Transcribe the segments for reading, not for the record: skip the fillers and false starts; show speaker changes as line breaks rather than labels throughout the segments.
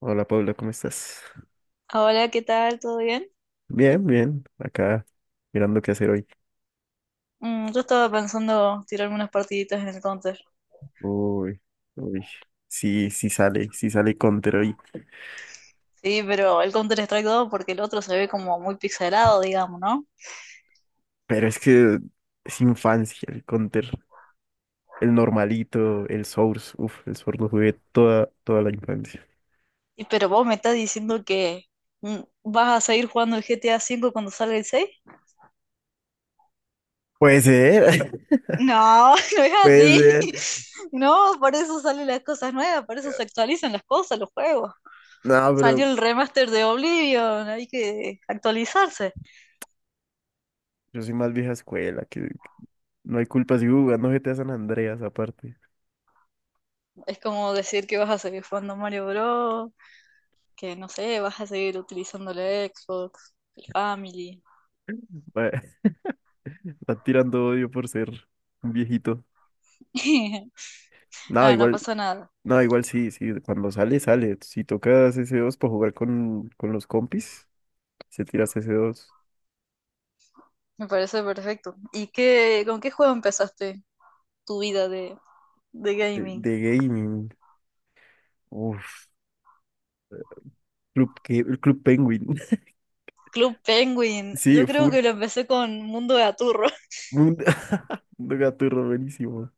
Hola Paula, ¿cómo estás?
Hola, ¿qué tal? ¿Todo bien?
Bien, bien, acá mirando qué hacer hoy.
Yo estaba pensando tirarme unas partiditas en el Counter.
Uy, uy, sí, sí sale Counter hoy,
Sí, pero el Counter Strike 2, porque el otro se ve como muy pixelado, digamos, ¿no?
pero es que es infancia el Counter, el normalito, el Source, uf, el Source lo jugué toda, toda la infancia.
Y pero vos me estás diciendo que ¿vas a seguir jugando el GTA V cuando salga el 6?
Puede ser,
No, no es
puede
así.
ser.
No, por eso salen las cosas nuevas, por eso se actualizan las cosas, los juegos.
No,
Salió
pero
el remaster de Oblivion, hay que actualizarse.
yo soy más vieja escuela, que no hay culpa si jugando G T a San Andreas aparte.
Es como decir que vas a seguir jugando Mario Bros., que no sé, vas a seguir utilizando la Xbox, el Family.
Va- Están tirando odio por ser un viejito. No,
Ah, no
igual.
pasa nada,
No, igual sí, sí, cuando sale, sale. Si tocas ese dos para jugar con los compis, se tiras ese dos
me parece perfecto. ¿Y qué, con qué juego empezaste tu vida de
de,
gaming?
de gaming. Uf, el Club Penguin.
Club Penguin,
Sí,
yo creo
full
que lo empecé con Mundo de Aturro.
mundo, mundo gaturro, buenísimo.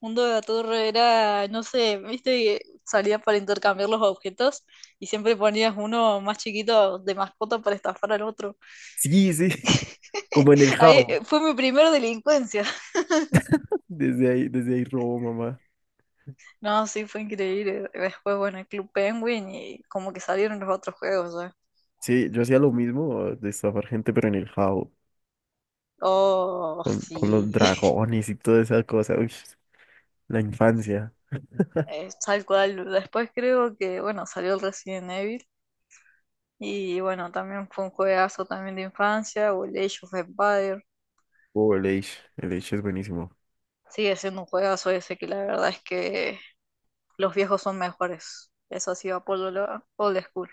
Mundo de Aturro era, no sé, viste que salía para intercambiar los objetos y siempre ponías uno más chiquito de mascota para estafar al otro.
Sí, sí, como en el
Ahí
Jao.
fue mi primera delincuencia.
Desde ahí robo, mamá.
No, sí, fue increíble. Después, bueno, el Club Penguin y como que salieron los otros juegos ya.
Sí, yo hacía lo mismo, de estafar gente, pero en el Jao,
Oh,
con los
sí.
dragones y toda esa cosa. Uy, la infancia.
Tal cual. Después creo que, bueno, salió el Resident Evil y bueno, también fue un juegazo también de infancia, o el Age of Empire.
Oh, el Age es buenísimo.
Sigue siendo un juegazo ese, que la verdad es que los viejos son mejores. Eso sí, apolo lo old school.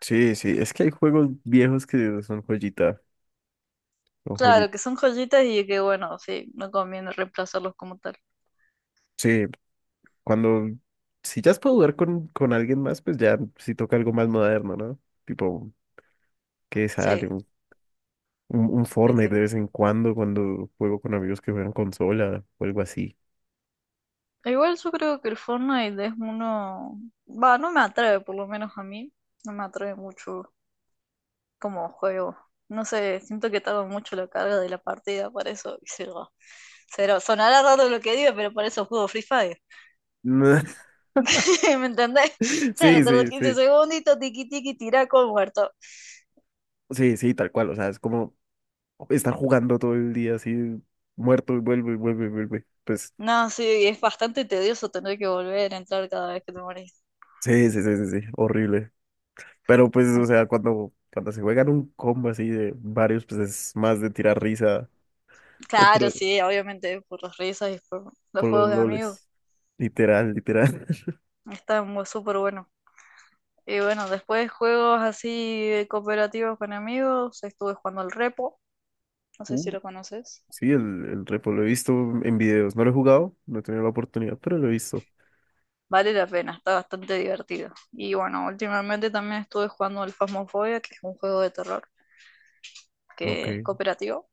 Sí, sí, es que hay juegos viejos que son joyita, o
Claro,
joyita.
que son joyitas y que bueno, sí, no conviene reemplazarlos como tal.
Sí, cuando, si ya es para jugar con alguien más, pues ya sí toca algo más moderno, ¿no? Tipo, que sale
Sí,
un, un, un
sí,
Fortnite de
sí.
vez en cuando, cuando juego con amigos que juegan consola o algo así.
Igual yo creo que el Fortnite es uno, va, no me atrae, por lo menos a mí, no me atrae mucho como juego. No sé, siento que tarda mucho la carga de la partida, por eso, y cero, cero. Sonará raro lo que digo, pero por eso juego Free Fire. ¿Me entendés? Cero,
Sí,
tardo
sí,
15
sí,
segunditos, tiqui tiqui, tirá con muerto.
sí, sí, tal cual, o sea, es como estar jugando todo el día así, muerto y vuelve y vuelve y vuelve. Pues,
No, sí, es bastante tedioso tener que volver a entrar cada vez que te morís.
sí, sí, sí, sí, sí, horrible. Pero pues, o
Mm.
sea, cuando se juegan un combo así de varios, pues es más de tirar risa
Claro,
dentro-
sí, obviamente, por las risas y por los
por los
juegos de amigos,
loles. Literal, literal.
está súper bueno. Y bueno, después juegos así cooperativos con amigos, estuve jugando el Repo, no sé si
Uh,
lo conoces.
sí, el repo lo he visto en videos. No lo he jugado, no he tenido la oportunidad, pero lo he visto.
Vale la pena, está bastante divertido. Y bueno, últimamente también estuve jugando el Phasmophobia, que es un juego de terror
Ok.
que es cooperativo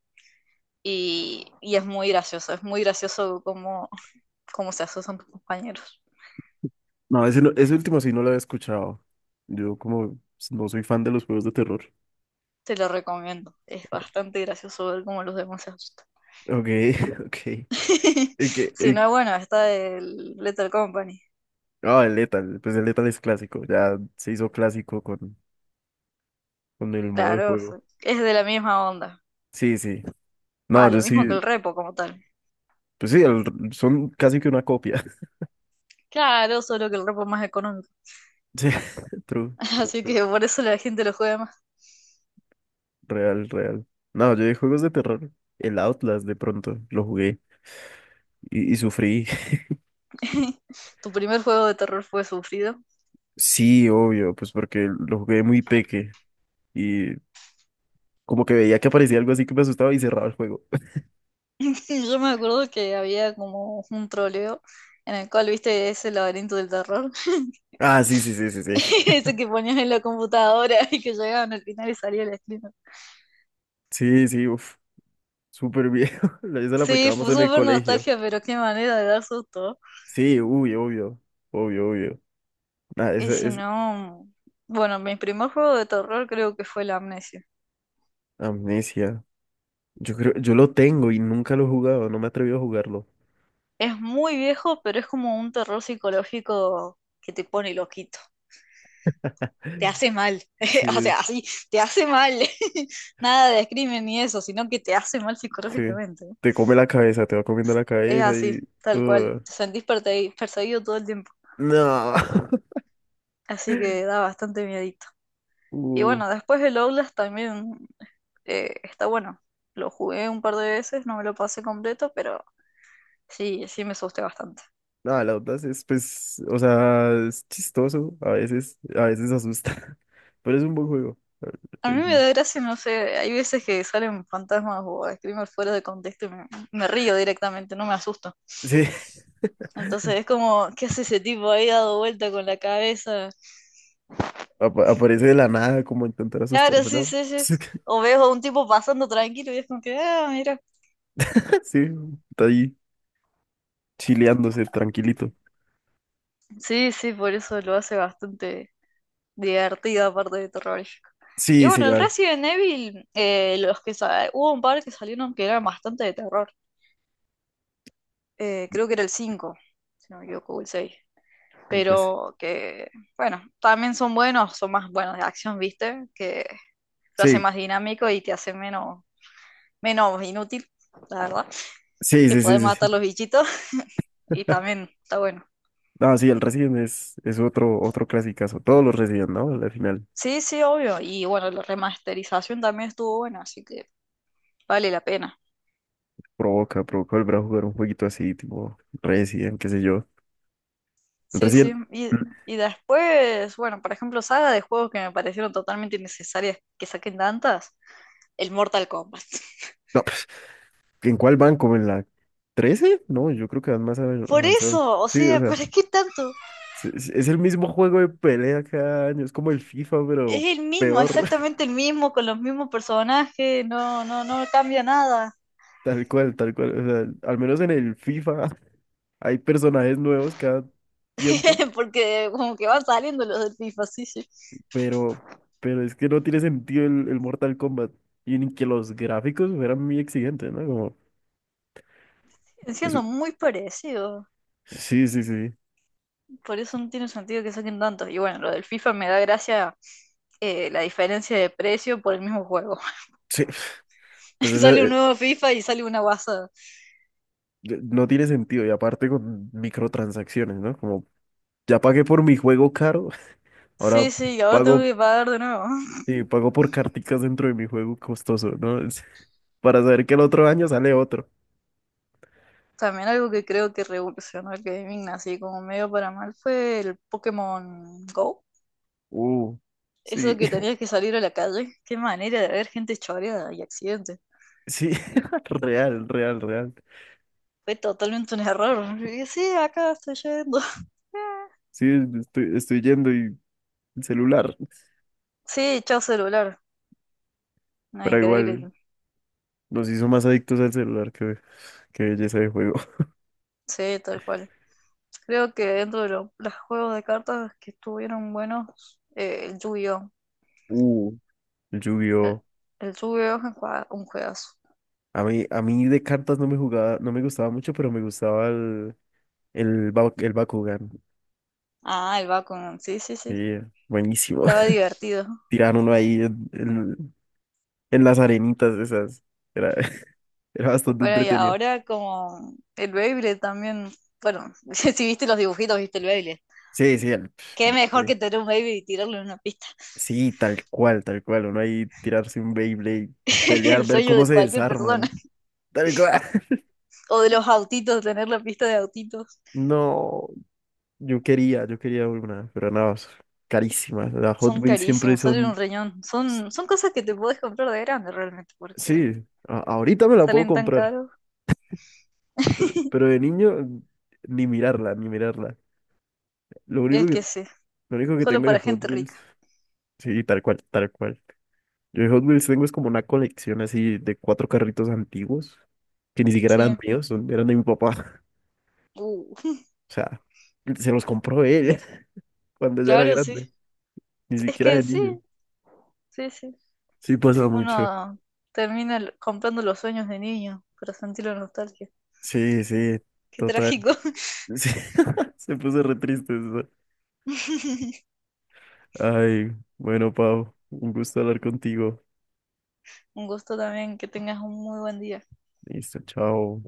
y es muy gracioso cómo se asustan tus compañeros.
No, ese, ese último sí no lo había escuchado. Yo como no soy fan de los juegos de terror.
Te lo recomiendo, es
Ok,
bastante gracioso ver cómo los demás se asustan.
ok. El que,
Si
el,
no, bueno, está el Letter Company.
ah, el Lethal, pues el Lethal es clásico, ya se hizo clásico con el modo de
Claro,
juego.
es de la misma onda.
Sí, sí. No,
Va, lo
yo
mismo que
sí.
el repo como tal.
Pues sí, son casi que una copia.
Claro, solo que el repo es más económico.
Sí, true, true,
Así
true.
que por eso la gente lo juega más.
Real, real. No, yo de juegos de terror, el Outlast de pronto lo jugué y sufrí.
Tu primer juego de terror fue sufrido.
Sí, obvio, pues porque lo jugué muy peque y como que veía que aparecía algo así que me asustaba y cerraba el juego.
Yo me acuerdo que había como un troleo en el cual viste ese laberinto del terror.
Ah, sí, sí, sí, sí, sí.
Ese que ponías en la computadora y que llegaban al final y salía el screen.
Sí, sí, uff, súper viejo. Eso lo
Sí,
aplicábamos
fue
en el
súper
colegio.
nostalgia, pero qué manera de dar susto.
Sí, uy, obvio, obvio, obvio. Nada,
Y
eso
si
es
no, bueno, mi primer juego de terror creo que fue la Amnesia.
amnesia. Yo creo, yo lo tengo y nunca lo he jugado, no me he atrevido a jugarlo.
Es muy viejo, pero es como un terror psicológico que te pone loquito. Te hace mal. O
Sí.
sea, así te hace mal. Nada de crimen ni eso, sino que te hace mal
Sí.
psicológicamente.
Te come la cabeza, te va comiendo la
Es
cabeza y...
así, tal cual.
uh,
Te sentís perseguido, perseguido todo el tiempo.
no.
Así que da bastante miedito. Y
Uh,
bueno, después el Outlast también está bueno. Lo jugué un par de veces, no me lo pasé completo, pero sí, sí me asusté bastante.
no, la onda es, pues, o sea, es chistoso, a veces asusta, pero es un buen juego.
A
Eh,
mí me da gracia, no sé, hay veces que salen fantasmas o screamers fuera de contexto y me río directamente, no me asusto.
Sí,
Entonces es como, ¿qué hace ese tipo ahí dado vuelta con la cabeza?
aparece de la nada como a intentar
Claro,
asustarme,
sí,
¿no?
sí, sí. O veo a un tipo pasando tranquilo y es como que, ah, mira.
Sí, está ahí chileándose, tranquilito.
Sí, sí, por eso lo hace bastante divertido, aparte de terrorífico. Y
Sí, sí,
bueno, el
ya,
Resident Evil, los que hubo un par que salieron que eran bastante de terror. Creo que era el cinco, si no me equivoco, o el seis,
pues,
pero que, bueno, también son buenos, son más buenos de acción, ¿viste? Que lo hace
sí,
más dinámico y te hace menos inútil, la verdad.
sí,
Te
sí,
puede
sí, sí,
matar
sí.
los bichitos y también está bueno.
No, sí, el Resident es otro, otro clasicazo, todos los Resident, ¿no? Al final.
Sí, sí, obvio. Y bueno, la remasterización también estuvo buena, así que vale la pena.
Provoca, provoca volver a jugar un jueguito así, tipo Resident, qué sé yo. El
Sí, sí.
Resident,
Y,
mm,
y después, bueno, por ejemplo, saga de juegos que me parecieron totalmente innecesarias que saquen tantas, el Mortal Kombat.
no, pues, ¿en cuál van? ¿Como en la trece? No, yo creo que van más
Por
avanzados.
eso, o
Sí, o
sea,
sea,
¿para qué tanto?
es el mismo juego de pelea cada año, es como el FIFA, pero
Es el mismo,
peor.
exactamente el mismo, con los mismos personajes, no, no, no cambia nada.
Tal cual, tal cual. O sea, al menos en el FIFA hay personajes nuevos cada tiempo,
Porque como que van saliendo los del FIFA, sí, sí.
pero, pero es que no tiene sentido el Mortal Kombat. Y ni que los gráficos fueran muy exigentes, ¿no? Como,
Siguen
eso.
siendo muy parecidos.
Sí, sí, sí.
Por eso no tiene sentido que saquen tantos. Y bueno, lo del FIFA me da gracia, la diferencia de precio por el mismo juego.
Sí. Pues es,
Sale un
eh,
nuevo FIFA y sale una guasa.
no tiene sentido. Y aparte con microtransacciones, ¿no? Como ya pagué por mi juego caro, ahora
Sí, sí, y ahora tengo
pago,
que pagar de nuevo.
sí, pago por carticas dentro de mi juego costoso, ¿no? Para saber que el otro año sale otro.
También algo que creo que revolucionó el gaming, así como medio para mal, fue el Pokémon Go.
Uh, sí,
Eso que tenías que salir a la calle, qué manera de haber gente choreada y accidentes.
sí, real, real, real.
Fue totalmente un error. Y sí, acá estoy yendo.
Sí, estoy, estoy yendo y el celular,
Sí, chao celular. No,
pero igual
increíble.
nos hizo más adictos al celular que belleza de juego.
Sí, tal cual. Creo que dentro de los juegos de cartas que estuvieron buenos, el Yu-Gi-Oh!
Uh, el
El,
Yu-Gi-Oh!
el Yu-Gi-Oh! Es un un juegazo.
A mí de cartas no me jugaba, no me gustaba mucho, pero me gustaba el Bakugan.
Ah, el Bakugan, sí, sí, sí.
Sí, buenísimo.
Estaba divertido.
Tiraban uno ahí en las arenitas esas. Era, era bastante
Bueno, y
entretenido.
ahora como el Beyblade también. Bueno, si viste los dibujitos, viste el Beyblade.
Sí, sí, el pf,
Qué mejor
Beyblade.
que tener un baby y tirarlo en una pista.
Sí, tal cual, tal cual. Uno ahí tirarse un Beyblade, pelear,
El
ver
sueño
cómo
de
se
cualquier persona.
desarman. Tal cual.
O de los autitos, tener la pista de autitos.
No, yo quería una, pero nada, es carísima. Las Hot
Son
Wheels siempre
carísimos, salen un
son...
riñón. Son, son cosas que te podés comprar de grande realmente, porque
Sí, ahorita me la puedo
salen tan
comprar,
caros.
pero de niño ni mirarla, ni mirarla. Lo
Y
único
es
que
que sí,
Lo único que
solo
tengo de
para
Hot
gente
Wheels,
rica.
sí, tal cual, tal cual. Yo de Hot Wheels tengo es como una colección así de cuatro carritos antiguos, que ni siquiera eran
Sí.
míos, eran de mi papá.
Uh,
O sea, se los compró él cuando ya era
claro, sí.
grande, ni
Es
siquiera
que
de
sí,
niño.
sí, sí.
Sí, pasa mucho.
Uno termina comprando los sueños de niño para sentir la nostalgia.
Sí, sí,
Qué
total.
trágico.
Sí, se puso re triste eso. Ay, bueno, Pau, un gusto hablar contigo.
Un gusto también, que tengas un muy buen día.
Listo, chao.